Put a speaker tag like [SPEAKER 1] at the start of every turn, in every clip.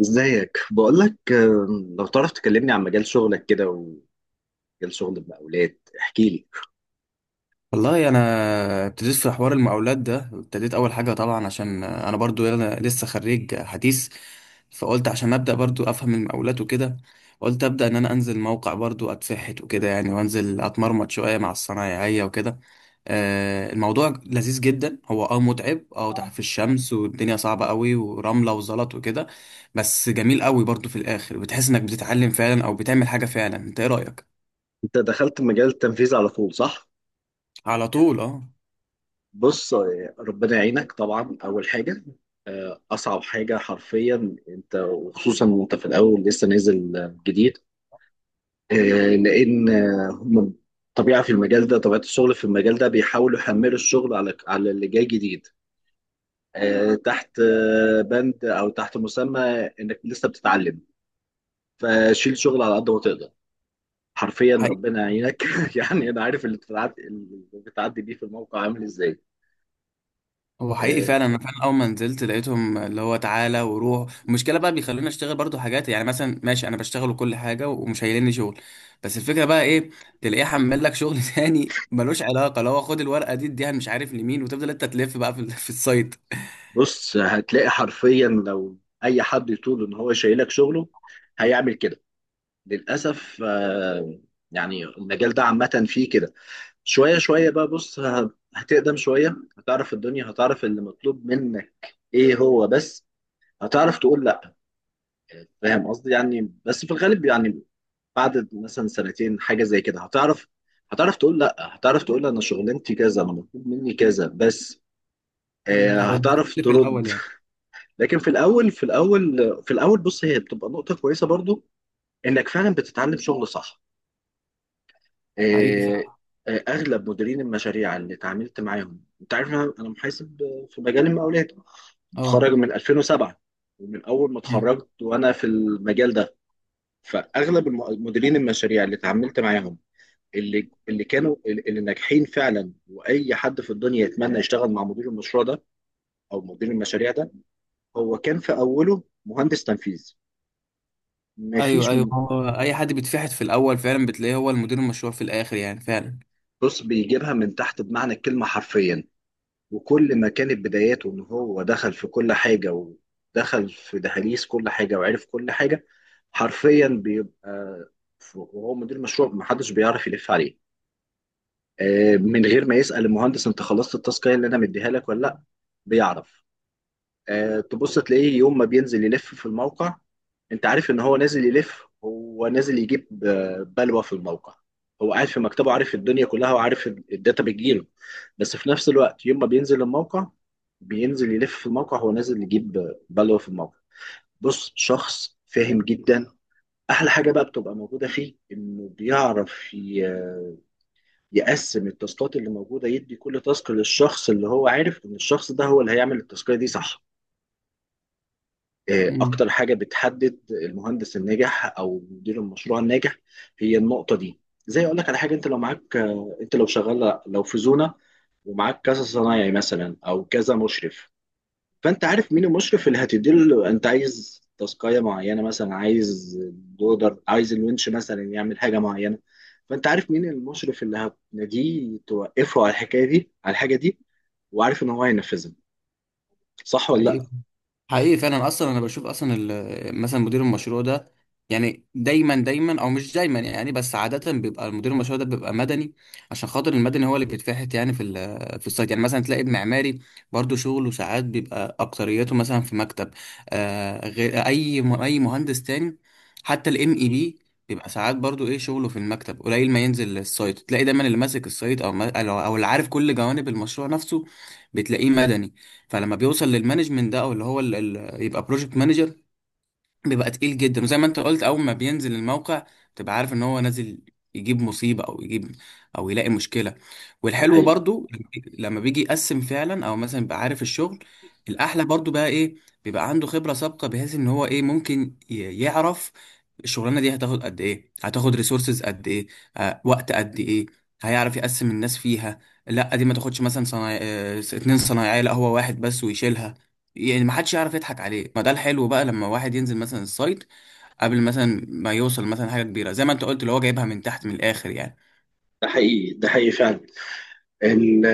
[SPEAKER 1] ازيك بقول لك. لو تعرف تكلمني عن مجال شغلك كده ومجال شغل المقاولات احكي لي.
[SPEAKER 2] والله انا ابتديت في حوار المقاولات ده، ابتديت اول حاجه طبعا عشان انا برضو، انا لسه خريج حديث. فقلت عشان ابدا برضو افهم المقاولات وكده، قلت ابدا ان انا انزل موقع برضو اتفحت وكده يعني، وانزل اتمرمط شويه مع الصنايعيه وكده. الموضوع لذيذ جدا. هو متعب، تحت في الشمس والدنيا صعبه قوي ورمله وزلط وكده. بس جميل قوي برضو، في الاخر بتحس انك بتتعلم فعلا او بتعمل حاجه فعلا. انت ايه رايك؟
[SPEAKER 1] انت دخلت مجال التنفيذ على طول، صح؟
[SPEAKER 2] على طول اه.
[SPEAKER 1] بص ربنا يعينك طبعا. اول حاجه اصعب حاجه حرفيا انت، وخصوصا وانت في الاول لسه نازل جديد. آه، لان آه، هم طبيعه في المجال ده، طبيعه الشغل في المجال ده بيحاولوا يحملوا الشغل على اللي جاي جديد تحت بند او تحت مسمى انك لسه بتتعلم، فشيل شغل على قد ما تقدر. حرفيا ربنا يعينك يعني انا عارف اللي بتعدي بيه في الموقع عامل ازاي.
[SPEAKER 2] هو حقيقي
[SPEAKER 1] آه،
[SPEAKER 2] فعلا، انا فعلا اول ما نزلت لقيتهم اللي هو تعالى وروح. المشكله بقى بيخلوني اشتغل برضو حاجات، يعني مثلا ماشي انا بشتغل وكل حاجه ومش هيلني شغل. بس الفكره بقى ايه، تلاقيه حمل لك شغل تاني ملوش علاقه، لو هو خد الورقه دي اديها مش عارف لمين، وتفضل انت تلف بقى في في السايت.
[SPEAKER 1] بص، هتلاقي حرفيا لو اي حد يطول ان هو شايلك شغله هيعمل كده. للاسف يعني المجال ده عامه فيه كده. شويه شويه بقى. بص، هتقدم شويه، هتعرف الدنيا، هتعرف اللي مطلوب منك ايه هو بس، هتعرف تقول لا. فاهم قصدي؟ يعني بس في الغالب يعني بعد مثلا سنتين حاجه زي كده هتعرف، هتعرف تقول لا، هتعرف تقول انا شغلانتي كذا، انا مطلوب مني كذا بس،
[SPEAKER 2] مم، هو
[SPEAKER 1] هتعرف
[SPEAKER 2] بيلف في الاول
[SPEAKER 1] ترد.
[SPEAKER 2] يعني.
[SPEAKER 1] لكن في الاول بص، هي بتبقى نقطه كويسه برضو انك فعلا بتتعلم شغل، صح؟
[SPEAKER 2] حقيقي
[SPEAKER 1] آه،
[SPEAKER 2] فعلا
[SPEAKER 1] اغلب مديرين المشاريع اللي اتعاملت معاهم، انت عارف، أنا محاسب في مجال المقاولات،
[SPEAKER 2] اه.
[SPEAKER 1] متخرج من 2007، ومن اول ما
[SPEAKER 2] مم.
[SPEAKER 1] اتخرجت وانا في المجال ده. فاغلب مديرين المشاريع اللي اتعاملت معاهم، اللي كانوا اللي ناجحين فعلا واي حد في الدنيا يتمنى يشتغل مع مدير المشروع ده او مدير المشاريع ده، هو كان في اوله مهندس تنفيذ.
[SPEAKER 2] ايوه
[SPEAKER 1] مفيش
[SPEAKER 2] ايوه
[SPEAKER 1] م-
[SPEAKER 2] هو اي حد بيتفحت في الاول فعلا، بتلاقيه هو المدير المشروع في الاخر يعني فعلا.
[SPEAKER 1] بص، بيجيبها من تحت بمعنى الكلمه حرفيا. وكل ما كانت بداياته ان هو دخل في كل حاجه ودخل في دهاليز كل حاجه وعرف كل حاجه، حرفيا بيبقى وهو مدير مشروع محدش بيعرف يلف عليه. من غير ما يسال المهندس انت خلصت التاسك اللي انا مديها لك ولا لا، بيعرف. تبص تلاقيه يوم ما بينزل يلف في الموقع، انت عارف ان هو نازل يلف، هو نازل يجيب بلوى في الموقع. هو قاعد في مكتبه، عارف الدنيا كلها، وعارف الداتا بتجيله، بس في نفس الوقت يوم ما بينزل الموقع، بينزل يلف في الموقع، هو نازل يجيب بلوى في الموقع. بص، شخص فاهم جدا. احلى حاجه بقى بتبقى موجوده فيه انه بيعرف يقسم التاسكات اللي موجوده، يدي كل تاسك للشخص اللي هو عارف ان الشخص ده هو اللي هيعمل التاسكيه دي، صح؟ اكتر
[SPEAKER 2] مم.
[SPEAKER 1] حاجه بتحدد المهندس الناجح او مدير المشروع الناجح هي النقطه دي. زي اقول لك على حاجه، انت لو معاك انت لو شغال، لو في زونه ومعاك كذا صنايعي مثلا او كذا مشرف، فانت عارف مين المشرف اللي هتديله، انت عايز تاسكايه معينه، مثلا عايز دودر، عايز الونش مثلا يعمل حاجه معينه، فانت عارف مين المشرف اللي هتناديه توقفه على الحكايه دي، على الحاجه دي، وعارف ان هو هينفذها، صح ولا لا؟
[SPEAKER 2] حقيقي، حقيقي فعلا. اصلا انا بشوف اصلا مثلا مدير المشروع ده يعني دايما او مش دايما يعني، بس عاده بيبقى المدير المشروع ده بيبقى مدني. عشان خاطر المدني هو اللي بيتفحت يعني في في السايت. يعني مثلا تلاقي المعماري برضو شغله ساعات بيبقى اكتريته مثلا في مكتب، آه غير اي اي مهندس تاني. حتى الام اي بي بيبقى ساعات برضو، ايه شغله في المكتب قليل ما ينزل السايت. تلاقي دايما اللي ماسك السايت او او اللي عارف كل جوانب المشروع نفسه، بتلاقيه مدني. فلما بيوصل للمانجمنت ده او اللي هو ال يبقى بروجكت مانجر، بيبقى تقيل جدا. وزي ما انت قلت، اول ما بينزل الموقع تبقى عارف ان هو نازل يجيب مصيبة او يجيب او يلاقي مشكلة.
[SPEAKER 1] ده
[SPEAKER 2] والحلو
[SPEAKER 1] حقيقي،
[SPEAKER 2] برضو لما بيجي يقسم فعلا او مثلا يبقى عارف الشغل. الاحلى برضو بقى ايه، بيبقى عنده خبرة سابقة بحيث ان هو ايه ممكن يعرف الشغلانة دي هتاخد قد ايه، هتاخد ريسورسز قد ايه، آه وقت قد ايه. هيعرف يقسم الناس فيها. لا دي ما تاخدش مثلا صنايع... اه، اتنين صنايعية، لا هو واحد بس ويشيلها. يعني ما حدش يعرف يضحك عليه. ما ده الحلو بقى لما واحد ينزل مثلا السايت قبل مثلا ما يوصل مثلا حاجه كبيره، زي ما انت قلت اللي هو جايبها من تحت من الاخر يعني.
[SPEAKER 1] ده حقيقي، ده حقيقي فعلا. ال-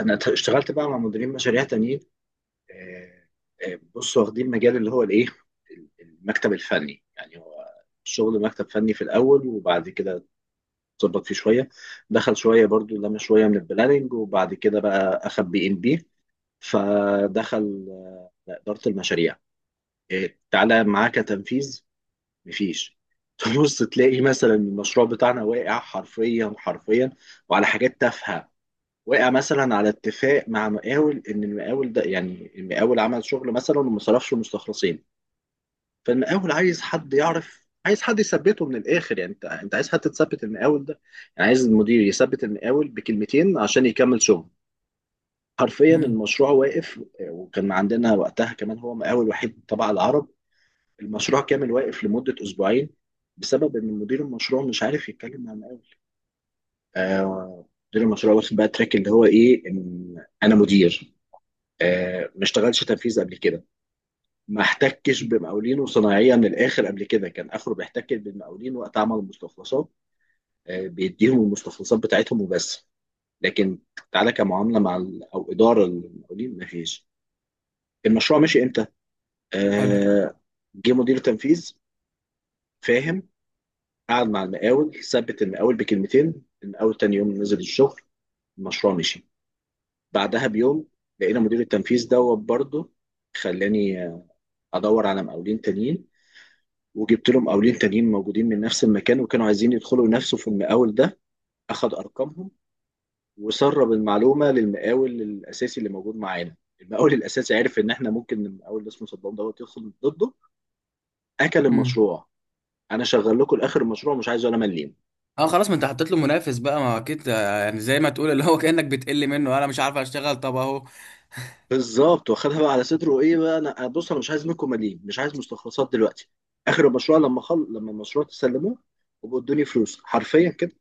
[SPEAKER 1] انا اشتغلت بقى مع مديرين مشاريع تانيين. آه، بص، واخدين مجال اللي هو الايه، المكتب الفني. يعني هو الشغل مكتب فني في الاول، وبعد كده اتظبط فيه شويه، دخل شويه برضو لما شويه من البلاننج، وبعد كده بقى اخد بي ام بي، فدخل اداره المشاريع. تعالى معاه كتنفيذ، مفيش تبص تلاقي مثلا المشروع بتاعنا واقع حرفيا حرفيا، وعلى حاجات تافهه. وقع مثلا على اتفاق مع مقاول ان المقاول ده، يعني المقاول عمل شغل مثلا وما صرفش المستخلصين، فالمقاول عايز حد يعرف، عايز حد يثبته من الاخر، يعني انت، عايز حد تثبت المقاول ده، يعني عايز المدير يثبت المقاول بكلمتين عشان يكمل شغل. حرفيا
[SPEAKER 2] امم.
[SPEAKER 1] المشروع واقف، وكان عندنا وقتها كمان، هو مقاول وحيد تبع العرب، المشروع كامل واقف لمدة اسبوعين بسبب ان مدير المشروع مش عارف يتكلم مع المقاول. آه، مدير المشروع واخد بقى تراك اللي هو ايه، ان انا مدير، ما اشتغلش تنفيذ قبل كده، ما احتكش بمقاولينه صناعيا للاخر قبل كده. كان اخره بيحتك بالمقاولين وقت عمل المستخلصات، بيديهم المستخلصات بتاعتهم وبس، لكن تعالى كمعامله مع او اداره المقاولين ما فيش. المشروع مشي امتى؟
[SPEAKER 2] حلو.
[SPEAKER 1] آه، جه مدير تنفيذ فاهم، قعد مع المقاول، ثبت المقاول بكلمتين، المقاول تاني يوم نزل الشغل، المشروع مشي. بعدها بيوم لقينا مدير التنفيذ دوت برضه، خلاني ادور على مقاولين تانيين، وجبت لهم قاولين تانيين موجودين من نفس المكان وكانوا عايزين يدخلوا نفسه في المقاول ده، اخد ارقامهم وسرب المعلومه للمقاول الاساسي اللي موجود معانا. المقاول الاساسي عرف ان احنا ممكن المقاول اللي اسمه صدام دوت يدخل ضده، اكل
[SPEAKER 2] امم.
[SPEAKER 1] المشروع. انا شغال لكم لاخر المشروع، مش عايز ولا مليم.
[SPEAKER 2] اه خلاص، ما انت حطيت له منافس بقى، ما اكيد آه، يعني زي ما تقول اللي هو كانك بتقل منه انا مش عارف اشتغل، طب اهو.
[SPEAKER 1] بالظبط، واخدها بقى على صدره، ايه بقى، انا بص، انا مش عايز منكم مليم، مش عايز مستخلصات دلوقتي، اخر المشروع لما لما المشروع تسلموه وبقوا ادوني فلوس حرفيا كده.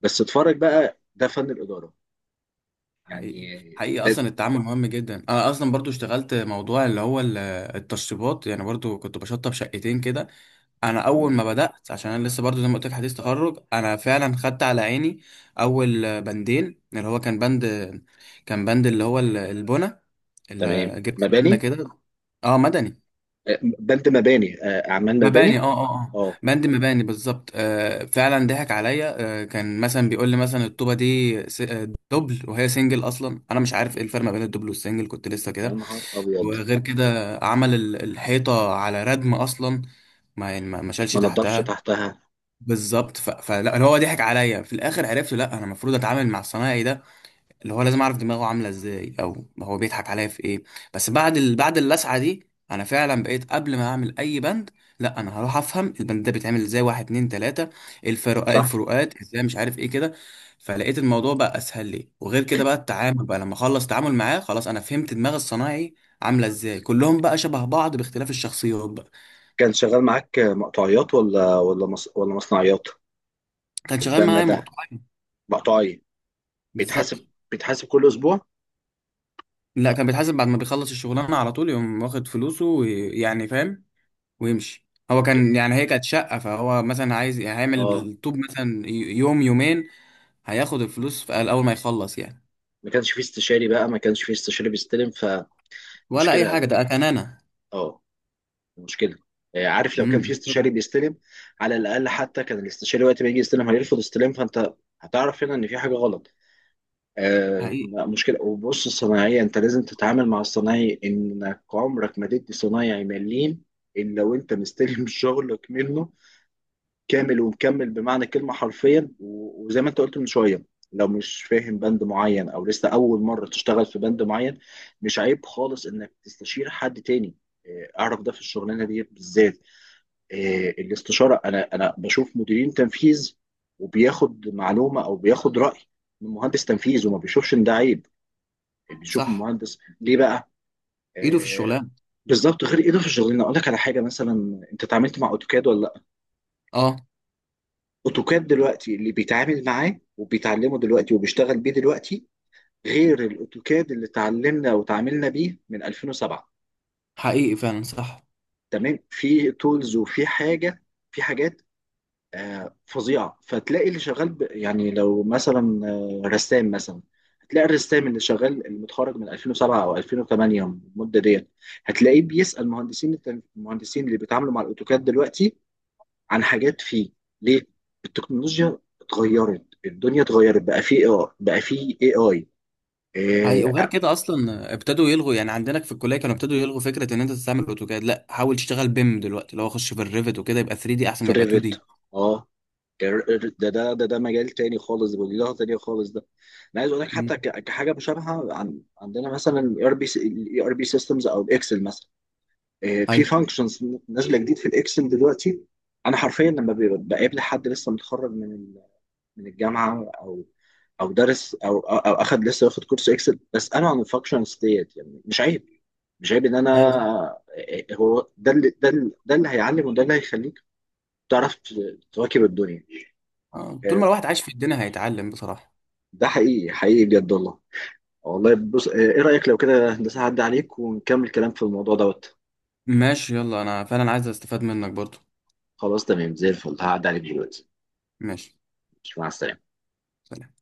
[SPEAKER 1] بس اتفرج بقى، ده فن الاداره
[SPEAKER 2] حقيقي.
[SPEAKER 1] يعني.
[SPEAKER 2] حقيقي، اصلا التعامل مهم جدا. انا اصلا برضو اشتغلت موضوع اللي هو التشطيبات. يعني برضو كنت بشطب شقتين كده. انا
[SPEAKER 1] ده
[SPEAKER 2] اول ما بدات، عشان انا لسه برضو زي ما قلت لك حديث تخرج، انا فعلا خدت على عيني اول بندين. اللي هو كان بند اللي هو البنا، اللي
[SPEAKER 1] تمام،
[SPEAKER 2] جبت بنا
[SPEAKER 1] مباني.
[SPEAKER 2] كده. اه مدني.
[SPEAKER 1] بلد مباني، اعمال
[SPEAKER 2] مباني
[SPEAKER 1] مباني.
[SPEAKER 2] اه،
[SPEAKER 1] اه،
[SPEAKER 2] بند مباني بالظبط. آه فعلا ضحك عليا. آه كان مثلا بيقول لي مثلا الطوبه دي دبل وهي سنجل، اصلا انا مش عارف ايه الفرق ما بين الدبل والسنجل، كنت لسه
[SPEAKER 1] يا
[SPEAKER 2] كده.
[SPEAKER 1] نهار ابيض.
[SPEAKER 2] وغير كده عمل الحيطه على ردم اصلا، ما يعني ما ما شالش
[SPEAKER 1] ما نضفش
[SPEAKER 2] تحتها.
[SPEAKER 1] تحتها،
[SPEAKER 2] بالظبط. ف... فلا، اللي هو ضحك عليا في الاخر عرفت، لا انا المفروض اتعامل مع الصنايعي ده اللي هو لازم اعرف دماغه عامله ازاي، او هو بيضحك عليا في ايه. بس بعد ال... بعد اللسعه دي، انا فعلا بقيت قبل ما اعمل اي بند، لا انا هروح افهم البند ده بيتعمل ازاي، واحد اتنين تلاته، الفروقات
[SPEAKER 1] صح.
[SPEAKER 2] الفروقات ازاي، مش عارف ايه كده. فلقيت الموضوع بقى اسهل لي. وغير كده بقى التعامل بقى، لما اخلص تعامل معاه خلاص انا فهمت دماغ الصنايعي عامله ازاي، كلهم بقى شبه بعض باختلاف الشخصيات بقى.
[SPEAKER 1] كان شغال معاك مقطعيات ولا مصنعيات؟
[SPEAKER 2] كان شغال
[SPEAKER 1] البنا
[SPEAKER 2] معايا
[SPEAKER 1] ده
[SPEAKER 2] مقطوعين.
[SPEAKER 1] مقطعي،
[SPEAKER 2] بالظبط.
[SPEAKER 1] بيتحاسب كل اسبوع.
[SPEAKER 2] لا كان بيتحاسب بعد ما بيخلص الشغلانة على طول، يقوم واخد فلوسه ويعني فاهم ويمشي. هو كان يعني، هي كانت شقة، فهو مثلا عايز هيعمل
[SPEAKER 1] اه،
[SPEAKER 2] الطوب مثلا يوم يومين، هياخد الفلوس في أول ما يخلص يعني.
[SPEAKER 1] ما كانش فيه استشاري بقى، ما كانش فيه استشاري بيستلم،
[SPEAKER 2] ولا أي حاجة،
[SPEAKER 1] فمشكله.
[SPEAKER 2] ده كان أنا.
[SPEAKER 1] اه، مشكله. عارف، لو كان فيه استشاري
[SPEAKER 2] كده.
[SPEAKER 1] بيستلم، على الاقل حتى كان الاستشاري وقت ما يجي يستلم هيرفض استلام، فانت هتعرف هنا ان في حاجه غلط.
[SPEAKER 2] حقيقي.
[SPEAKER 1] مشكلة. وبص، الصناعية أنت لازم تتعامل مع الصناعي إنك عمرك ما تدي صنايعي مليم إلا وأنت مستلم شغلك منه كامل ومكمل بمعنى الكلمة حرفيا. وزي ما أنت قلت من شوية، لو مش فاهم بند معين أو لسه أول مرة تشتغل في بند معين، مش عيب خالص إنك تستشير حد تاني. أعرف ده في الشغلانة دي بالذات، الاستشارة. أنا بشوف مديرين تنفيذ وبياخد معلومة أو بياخد رأي من مهندس تنفيذ وما بيشوفش إن ده عيب، بيشوف
[SPEAKER 2] صح،
[SPEAKER 1] المهندس ليه بقى؟
[SPEAKER 2] إيده في
[SPEAKER 1] آه.
[SPEAKER 2] الشغلانة.
[SPEAKER 1] بالظبط، غير ايده في الشغلانه. اقول لك على حاجه، مثلا انت اتعاملت مع اوتوكاد ولا لا؟
[SPEAKER 2] أه.
[SPEAKER 1] اوتوكاد دلوقتي اللي بيتعامل معاه وبيتعلمه دلوقتي وبيشتغل بيه دلوقتي غير الاوتوكاد اللي اتعلمنا وتعاملنا بيه من 2007.
[SPEAKER 2] حقيقي فعلا صح.
[SPEAKER 1] تمام؟ في تولز، وفي حاجه، في حاجات فظيعه. فتلاقي اللي شغال يعني لو مثلا رسام مثلا، هتلاقي الرسام اللي شغال اللي متخرج من 2007 او 2008، المده ديت، هتلاقيه بيسال مهندسين المهندسين اللي بيتعاملوا مع الاوتوكاد دلوقتي عن حاجات فيه. ليه؟ التكنولوجيا اتغيرت، الدنيا اتغيرت بقى، فيه بقى فيه اي
[SPEAKER 2] حقيقي. وغير
[SPEAKER 1] اي
[SPEAKER 2] كده أصلا ابتدوا يلغوا، يعني عندنا في الكلية كانوا ابتدوا يلغوا فكرة إن أنت تستعمل أوتوكاد، لا حاول تشتغل بيم دلوقتي. لو أخش في الريفت وكده، يبقى 3 دي أحسن
[SPEAKER 1] في
[SPEAKER 2] ما يبقى 2
[SPEAKER 1] الريفت.
[SPEAKER 2] دي.
[SPEAKER 1] اه، ده مجال تاني خالص وليله تانية خالص ده. انا عايز اقول لك
[SPEAKER 2] مم.
[SPEAKER 1] حتى كحاجه مشابهه، عن عندنا مثلا الاي ار بي سيستمز او الاكسل مثلا. في
[SPEAKER 2] أيوه.
[SPEAKER 1] فانكشنز نازله جديد في الاكسل دلوقتي. انا حرفيا لما بقابل حد لسه متخرج من من الجامعه او او درس او أو اخد لسه واخد كورس اكسل، بساله عن الفانكشنز ديت. يعني مش عيب، مش عيب ان
[SPEAKER 2] ايوه.
[SPEAKER 1] انا هو ده اللي، ده اللي هيعلم، وده اللي هيخليه تعرف تواكب الدنيا.
[SPEAKER 2] آه، طول ما
[SPEAKER 1] آه،
[SPEAKER 2] الواحد عايش في الدنيا هيتعلم بصراحة.
[SPEAKER 1] ده حقيقي، حقيقي بجد والله. والله بص، ايه رأيك لو كده هندسة هعدي عليك ونكمل كلام في الموضوع دوت؟
[SPEAKER 2] ماشي، يلا انا فعلا عايز استفاد منك برضو.
[SPEAKER 1] خلاص تمام، زي الفل، هعدي عليك دلوقتي.
[SPEAKER 2] ماشي.
[SPEAKER 1] مع السلامة.
[SPEAKER 2] سلام.